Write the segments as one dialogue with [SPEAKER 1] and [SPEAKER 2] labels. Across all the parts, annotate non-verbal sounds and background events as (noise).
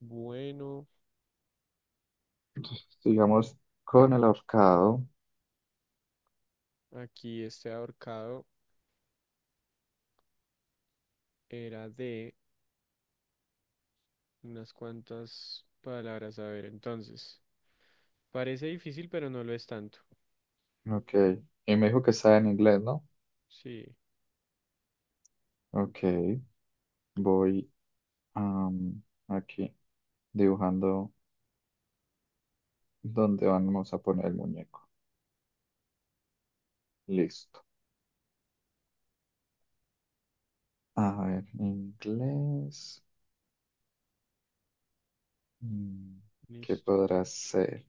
[SPEAKER 1] Bueno,
[SPEAKER 2] Sigamos con el ahorcado.
[SPEAKER 1] aquí este ahorcado era de unas cuantas palabras. A ver, entonces. Parece difícil, pero no lo es tanto.
[SPEAKER 2] Ok. Y me dijo que está en inglés, ¿no?
[SPEAKER 1] Sí,
[SPEAKER 2] Ok. Voy am, aquí dibujando dónde vamos a poner el muñeco. Listo. A ver, inglés. Mm, ¿Qué
[SPEAKER 1] listo.
[SPEAKER 2] podrá ser?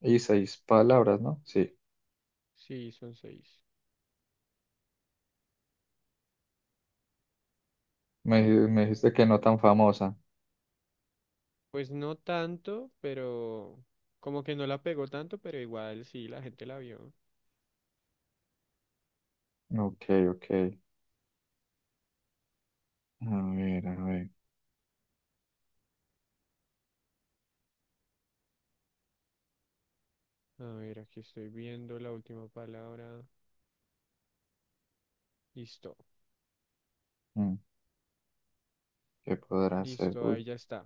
[SPEAKER 2] Y seis palabras, ¿no? Sí.
[SPEAKER 1] Sí, son seis.
[SPEAKER 2] Me,
[SPEAKER 1] A
[SPEAKER 2] di- me
[SPEAKER 1] ver.
[SPEAKER 2] dijiste que no tan famosa.
[SPEAKER 1] Pues no tanto, pero como que no la pegó tanto, pero igual sí, la gente la vio.
[SPEAKER 2] Ok, ok. A ver, a ver.
[SPEAKER 1] A ver, aquí estoy viendo la última palabra. Listo,
[SPEAKER 2] Mm, ¿Qué podrá ser?
[SPEAKER 1] listo, ahí
[SPEAKER 2] Uy.
[SPEAKER 1] ya está.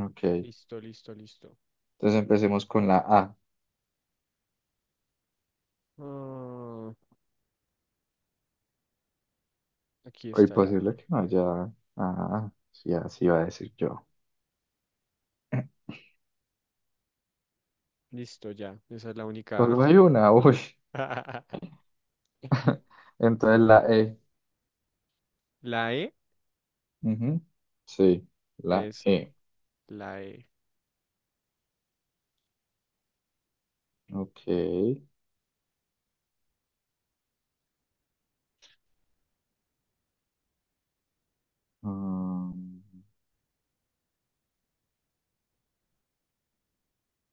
[SPEAKER 2] Ok.
[SPEAKER 1] Listo, listo, listo.
[SPEAKER 2] Entonces empecemos con la A.
[SPEAKER 1] Ah, aquí
[SPEAKER 2] O
[SPEAKER 1] está la
[SPEAKER 2] imposible
[SPEAKER 1] A.
[SPEAKER 2] que no haya. Ah, sí, así iba a decir yo.
[SPEAKER 1] Listo, ya. Esa es la única A.
[SPEAKER 2] Solo hay una, uy.
[SPEAKER 1] (laughs)
[SPEAKER 2] (laughs) Entonces la E.
[SPEAKER 1] La E,
[SPEAKER 2] Ujú. Sí, la
[SPEAKER 1] eso,
[SPEAKER 2] E.
[SPEAKER 1] la E.
[SPEAKER 2] Ok. Um,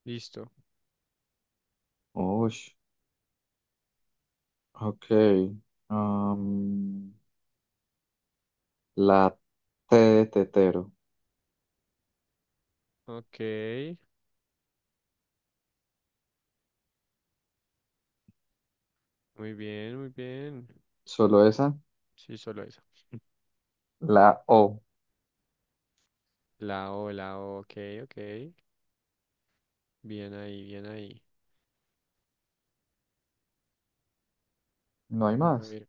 [SPEAKER 1] Listo.
[SPEAKER 2] uy, ok. Um, la T de tetero.
[SPEAKER 1] Ok, muy bien, muy bien.
[SPEAKER 2] Solo esa.
[SPEAKER 1] Sí, solo eso.
[SPEAKER 2] La O.
[SPEAKER 1] La O, ok, ok. Bien ahí, bien ahí.
[SPEAKER 2] No hay
[SPEAKER 1] A
[SPEAKER 2] más.
[SPEAKER 1] ver,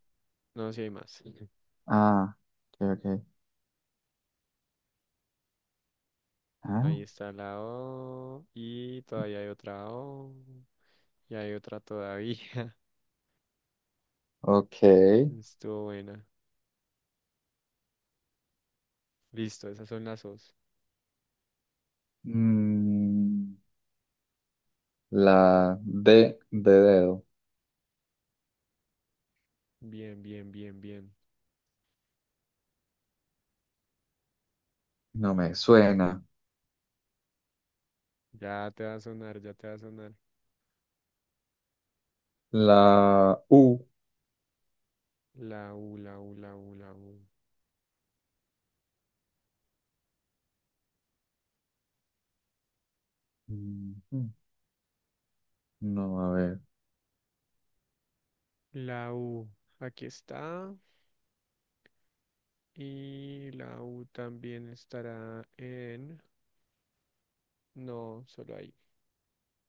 [SPEAKER 1] no, si hay más. (laughs)
[SPEAKER 2] Ah, ok, ok. Ah,
[SPEAKER 1] Ahí está la O y todavía hay otra O y hay otra todavía. (laughs)
[SPEAKER 2] ok.
[SPEAKER 1] Estuvo buena. Listo, esas son las O's.
[SPEAKER 2] Mm, la D de dedo.
[SPEAKER 1] Bien, bien, bien, bien.
[SPEAKER 2] No me suena.
[SPEAKER 1] Ya te va a sonar, ya te va a sonar.
[SPEAKER 2] La U.
[SPEAKER 1] La U, la U, la U, la U.
[SPEAKER 2] Mm, No, a ver.
[SPEAKER 1] La U, aquí está. Y la U también estará en... No, solo ahí.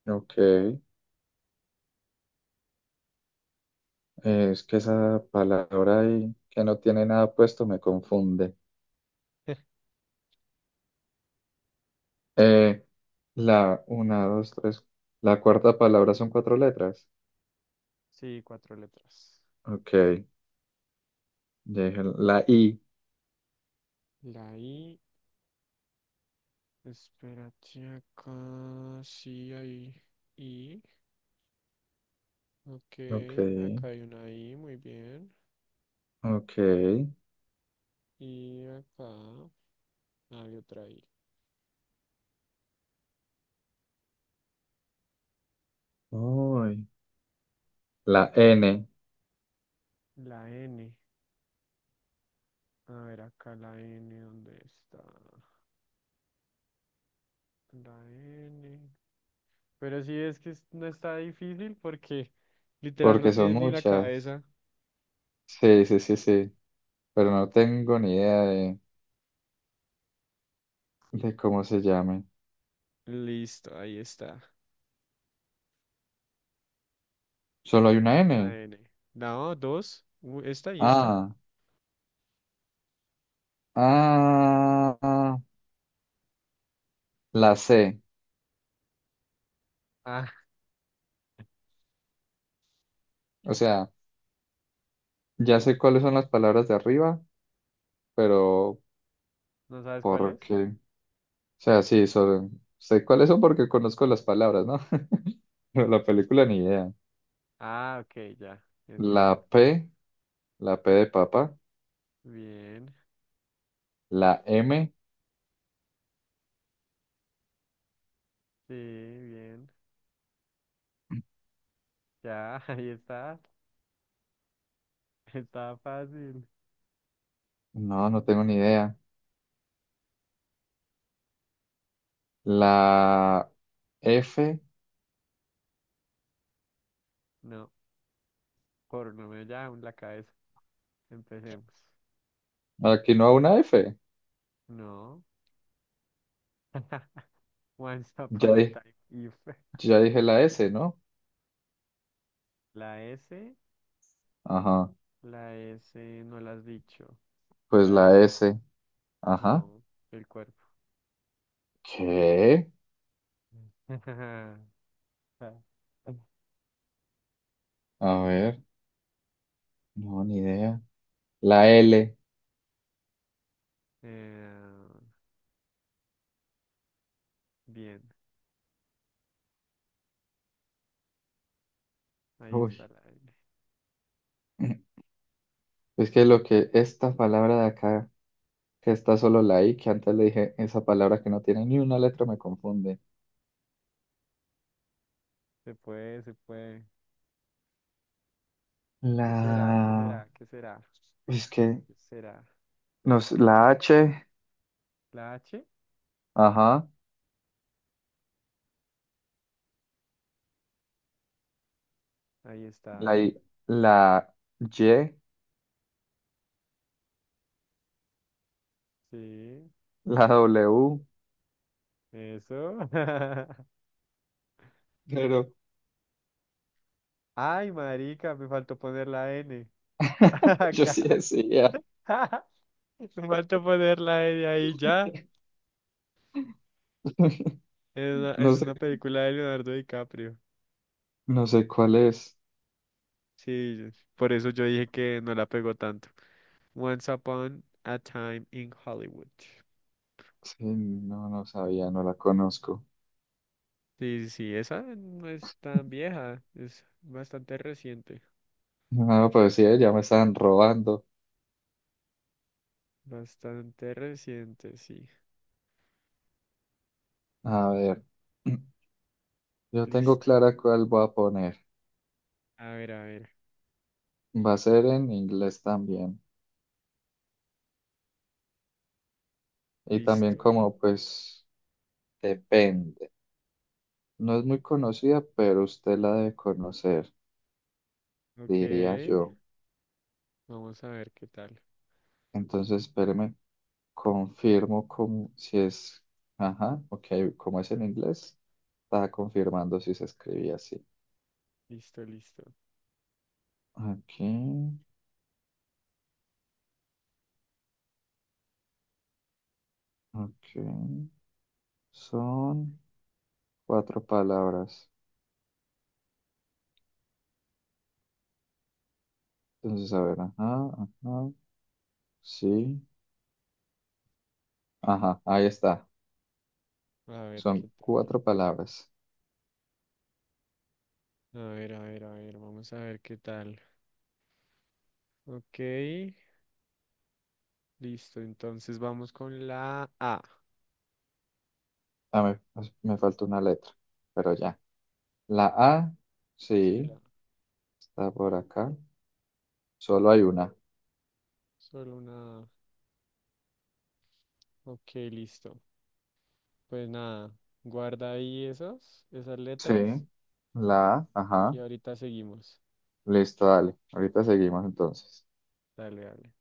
[SPEAKER 2] Ok. Es que esa palabra ahí que no tiene nada puesto me confunde.
[SPEAKER 1] (laughs)
[SPEAKER 2] Eh, la una, dos, tres. La cuarta palabra son cuatro letras.
[SPEAKER 1] Sí, cuatro letras.
[SPEAKER 2] Ok, ya. La I.
[SPEAKER 1] La I, espérate acá. Sí, ahí. I. Ok,
[SPEAKER 2] Ok.
[SPEAKER 1] acá hay una I, muy bien.
[SPEAKER 2] Ok.
[SPEAKER 1] Y acá hay otra I.
[SPEAKER 2] Uy. La N.
[SPEAKER 1] La N. A ver, acá la N, ¿dónde está? La N. Pero sí no está difícil porque literal no
[SPEAKER 2] Porque son
[SPEAKER 1] tienes ni la
[SPEAKER 2] muchas.
[SPEAKER 1] cabeza.
[SPEAKER 2] Sí, sí, sí, sí. Pero no tengo ni idea de cómo se llame.
[SPEAKER 1] Listo, ahí está.
[SPEAKER 2] Solo hay
[SPEAKER 1] Es
[SPEAKER 2] una N.
[SPEAKER 1] una N. No, dos. Esta y esta.
[SPEAKER 2] Ah. Ah, la sé.
[SPEAKER 1] Ah,
[SPEAKER 2] O sea, ya sé cuáles son las palabras de arriba, pero
[SPEAKER 1] ¿no sabes cuál
[SPEAKER 2] ¿por
[SPEAKER 1] es?
[SPEAKER 2] qué? O sea, sí, sé cuáles son porque conozco las palabras, ¿no? (laughs) Pero la película ni idea.
[SPEAKER 1] Ah, ok, ya,
[SPEAKER 2] La
[SPEAKER 1] entiendo.
[SPEAKER 2] P, la P de papá.
[SPEAKER 1] Bien,
[SPEAKER 2] La M,
[SPEAKER 1] sí, bien. Ya, (laughs) ahí está. Está fácil.
[SPEAKER 2] no, no tengo ni idea. La F,
[SPEAKER 1] No, por no me llaman la cabeza. Empecemos.
[SPEAKER 2] aquí no hay una F.
[SPEAKER 1] No. (laughs) Once
[SPEAKER 2] Ya,
[SPEAKER 1] upon a
[SPEAKER 2] di-
[SPEAKER 1] time. If.
[SPEAKER 2] ya dije la S, ¿no?
[SPEAKER 1] La S,
[SPEAKER 2] Ajá,
[SPEAKER 1] la S no la has dicho.
[SPEAKER 2] pues
[SPEAKER 1] ¿La
[SPEAKER 2] la
[SPEAKER 1] S?
[SPEAKER 2] S. Ajá.
[SPEAKER 1] No, el cuerpo.
[SPEAKER 2] ¿Qué?
[SPEAKER 1] (laughs)
[SPEAKER 2] A ver, no, ni idea. La L.
[SPEAKER 1] Eh, bien, ahí está
[SPEAKER 2] Uy.
[SPEAKER 1] la L.
[SPEAKER 2] (laughs) Es que lo que esta palabra de acá, que está solo la I, que antes le dije esa palabra que no tiene ni una letra, me confunde.
[SPEAKER 1] Se puede, se puede. ¿Qué será? ¿Qué
[SPEAKER 2] La...
[SPEAKER 1] será? ¿Qué será?
[SPEAKER 2] Es que
[SPEAKER 1] ¿Qué será?
[SPEAKER 2] la H,
[SPEAKER 1] ¿La H?
[SPEAKER 2] ajá,
[SPEAKER 1] Ahí
[SPEAKER 2] la I,
[SPEAKER 1] está.
[SPEAKER 2] la Y,
[SPEAKER 1] Sí,
[SPEAKER 2] la W,
[SPEAKER 1] eso. (laughs)
[SPEAKER 2] pero
[SPEAKER 1] Ay, marica, me faltó poner la N. (laughs)
[SPEAKER 2] (laughs) yo sí
[SPEAKER 1] Acá.
[SPEAKER 2] decía.
[SPEAKER 1] (laughs) Me faltó poner la N ahí ya.
[SPEAKER 2] (laughs)
[SPEAKER 1] Es una,
[SPEAKER 2] No
[SPEAKER 1] es
[SPEAKER 2] sé,
[SPEAKER 1] una película de Leonardo DiCaprio.
[SPEAKER 2] no sé cuál es.
[SPEAKER 1] Sí, por eso yo dije que no la pegó tanto. Once Upon a Time in Hollywood.
[SPEAKER 2] Sí, no, no sabía, no la conozco.
[SPEAKER 1] Sí, sí, sí, esa no es tan vieja, es bastante reciente.
[SPEAKER 2] No, pues sí, ya me estaban robando.
[SPEAKER 1] Bastante reciente, sí.
[SPEAKER 2] A ver. Yo tengo
[SPEAKER 1] Listo.
[SPEAKER 2] clara cuál voy a poner.
[SPEAKER 1] A ver, a ver.
[SPEAKER 2] Va a ser en inglés también. Y también
[SPEAKER 1] Listo.
[SPEAKER 2] como pues depende. No es muy conocida, pero usted la debe conocer,
[SPEAKER 1] Ok.
[SPEAKER 2] diría yo.
[SPEAKER 1] Vamos a ver qué tal.
[SPEAKER 2] Entonces, espéreme, confirmo como si es... Ajá, ok, como es en inglés, estaba confirmando si se escribía así.
[SPEAKER 1] Listo, listo.
[SPEAKER 2] Aquí, ok. Son cuatro palabras. Entonces, a ver, ajá, ajá, sí. Ajá, ahí está.
[SPEAKER 1] A ver
[SPEAKER 2] Son
[SPEAKER 1] qué tal.
[SPEAKER 2] cuatro palabras.
[SPEAKER 1] A ver, a ver, a ver. Vamos a ver qué tal. Ok. Listo. Entonces vamos con la A.
[SPEAKER 2] Ah, me falta una letra, pero ya. La A,
[SPEAKER 1] Sí,
[SPEAKER 2] sí,
[SPEAKER 1] la.
[SPEAKER 2] está por acá. Solo hay una.
[SPEAKER 1] Solo una A. Ok, listo. Pues nada, guarda ahí esas
[SPEAKER 2] Sí,
[SPEAKER 1] letras
[SPEAKER 2] la A, ajá.
[SPEAKER 1] y ahorita seguimos.
[SPEAKER 2] Listo, dale. Ahorita seguimos entonces.
[SPEAKER 1] Dale, dale.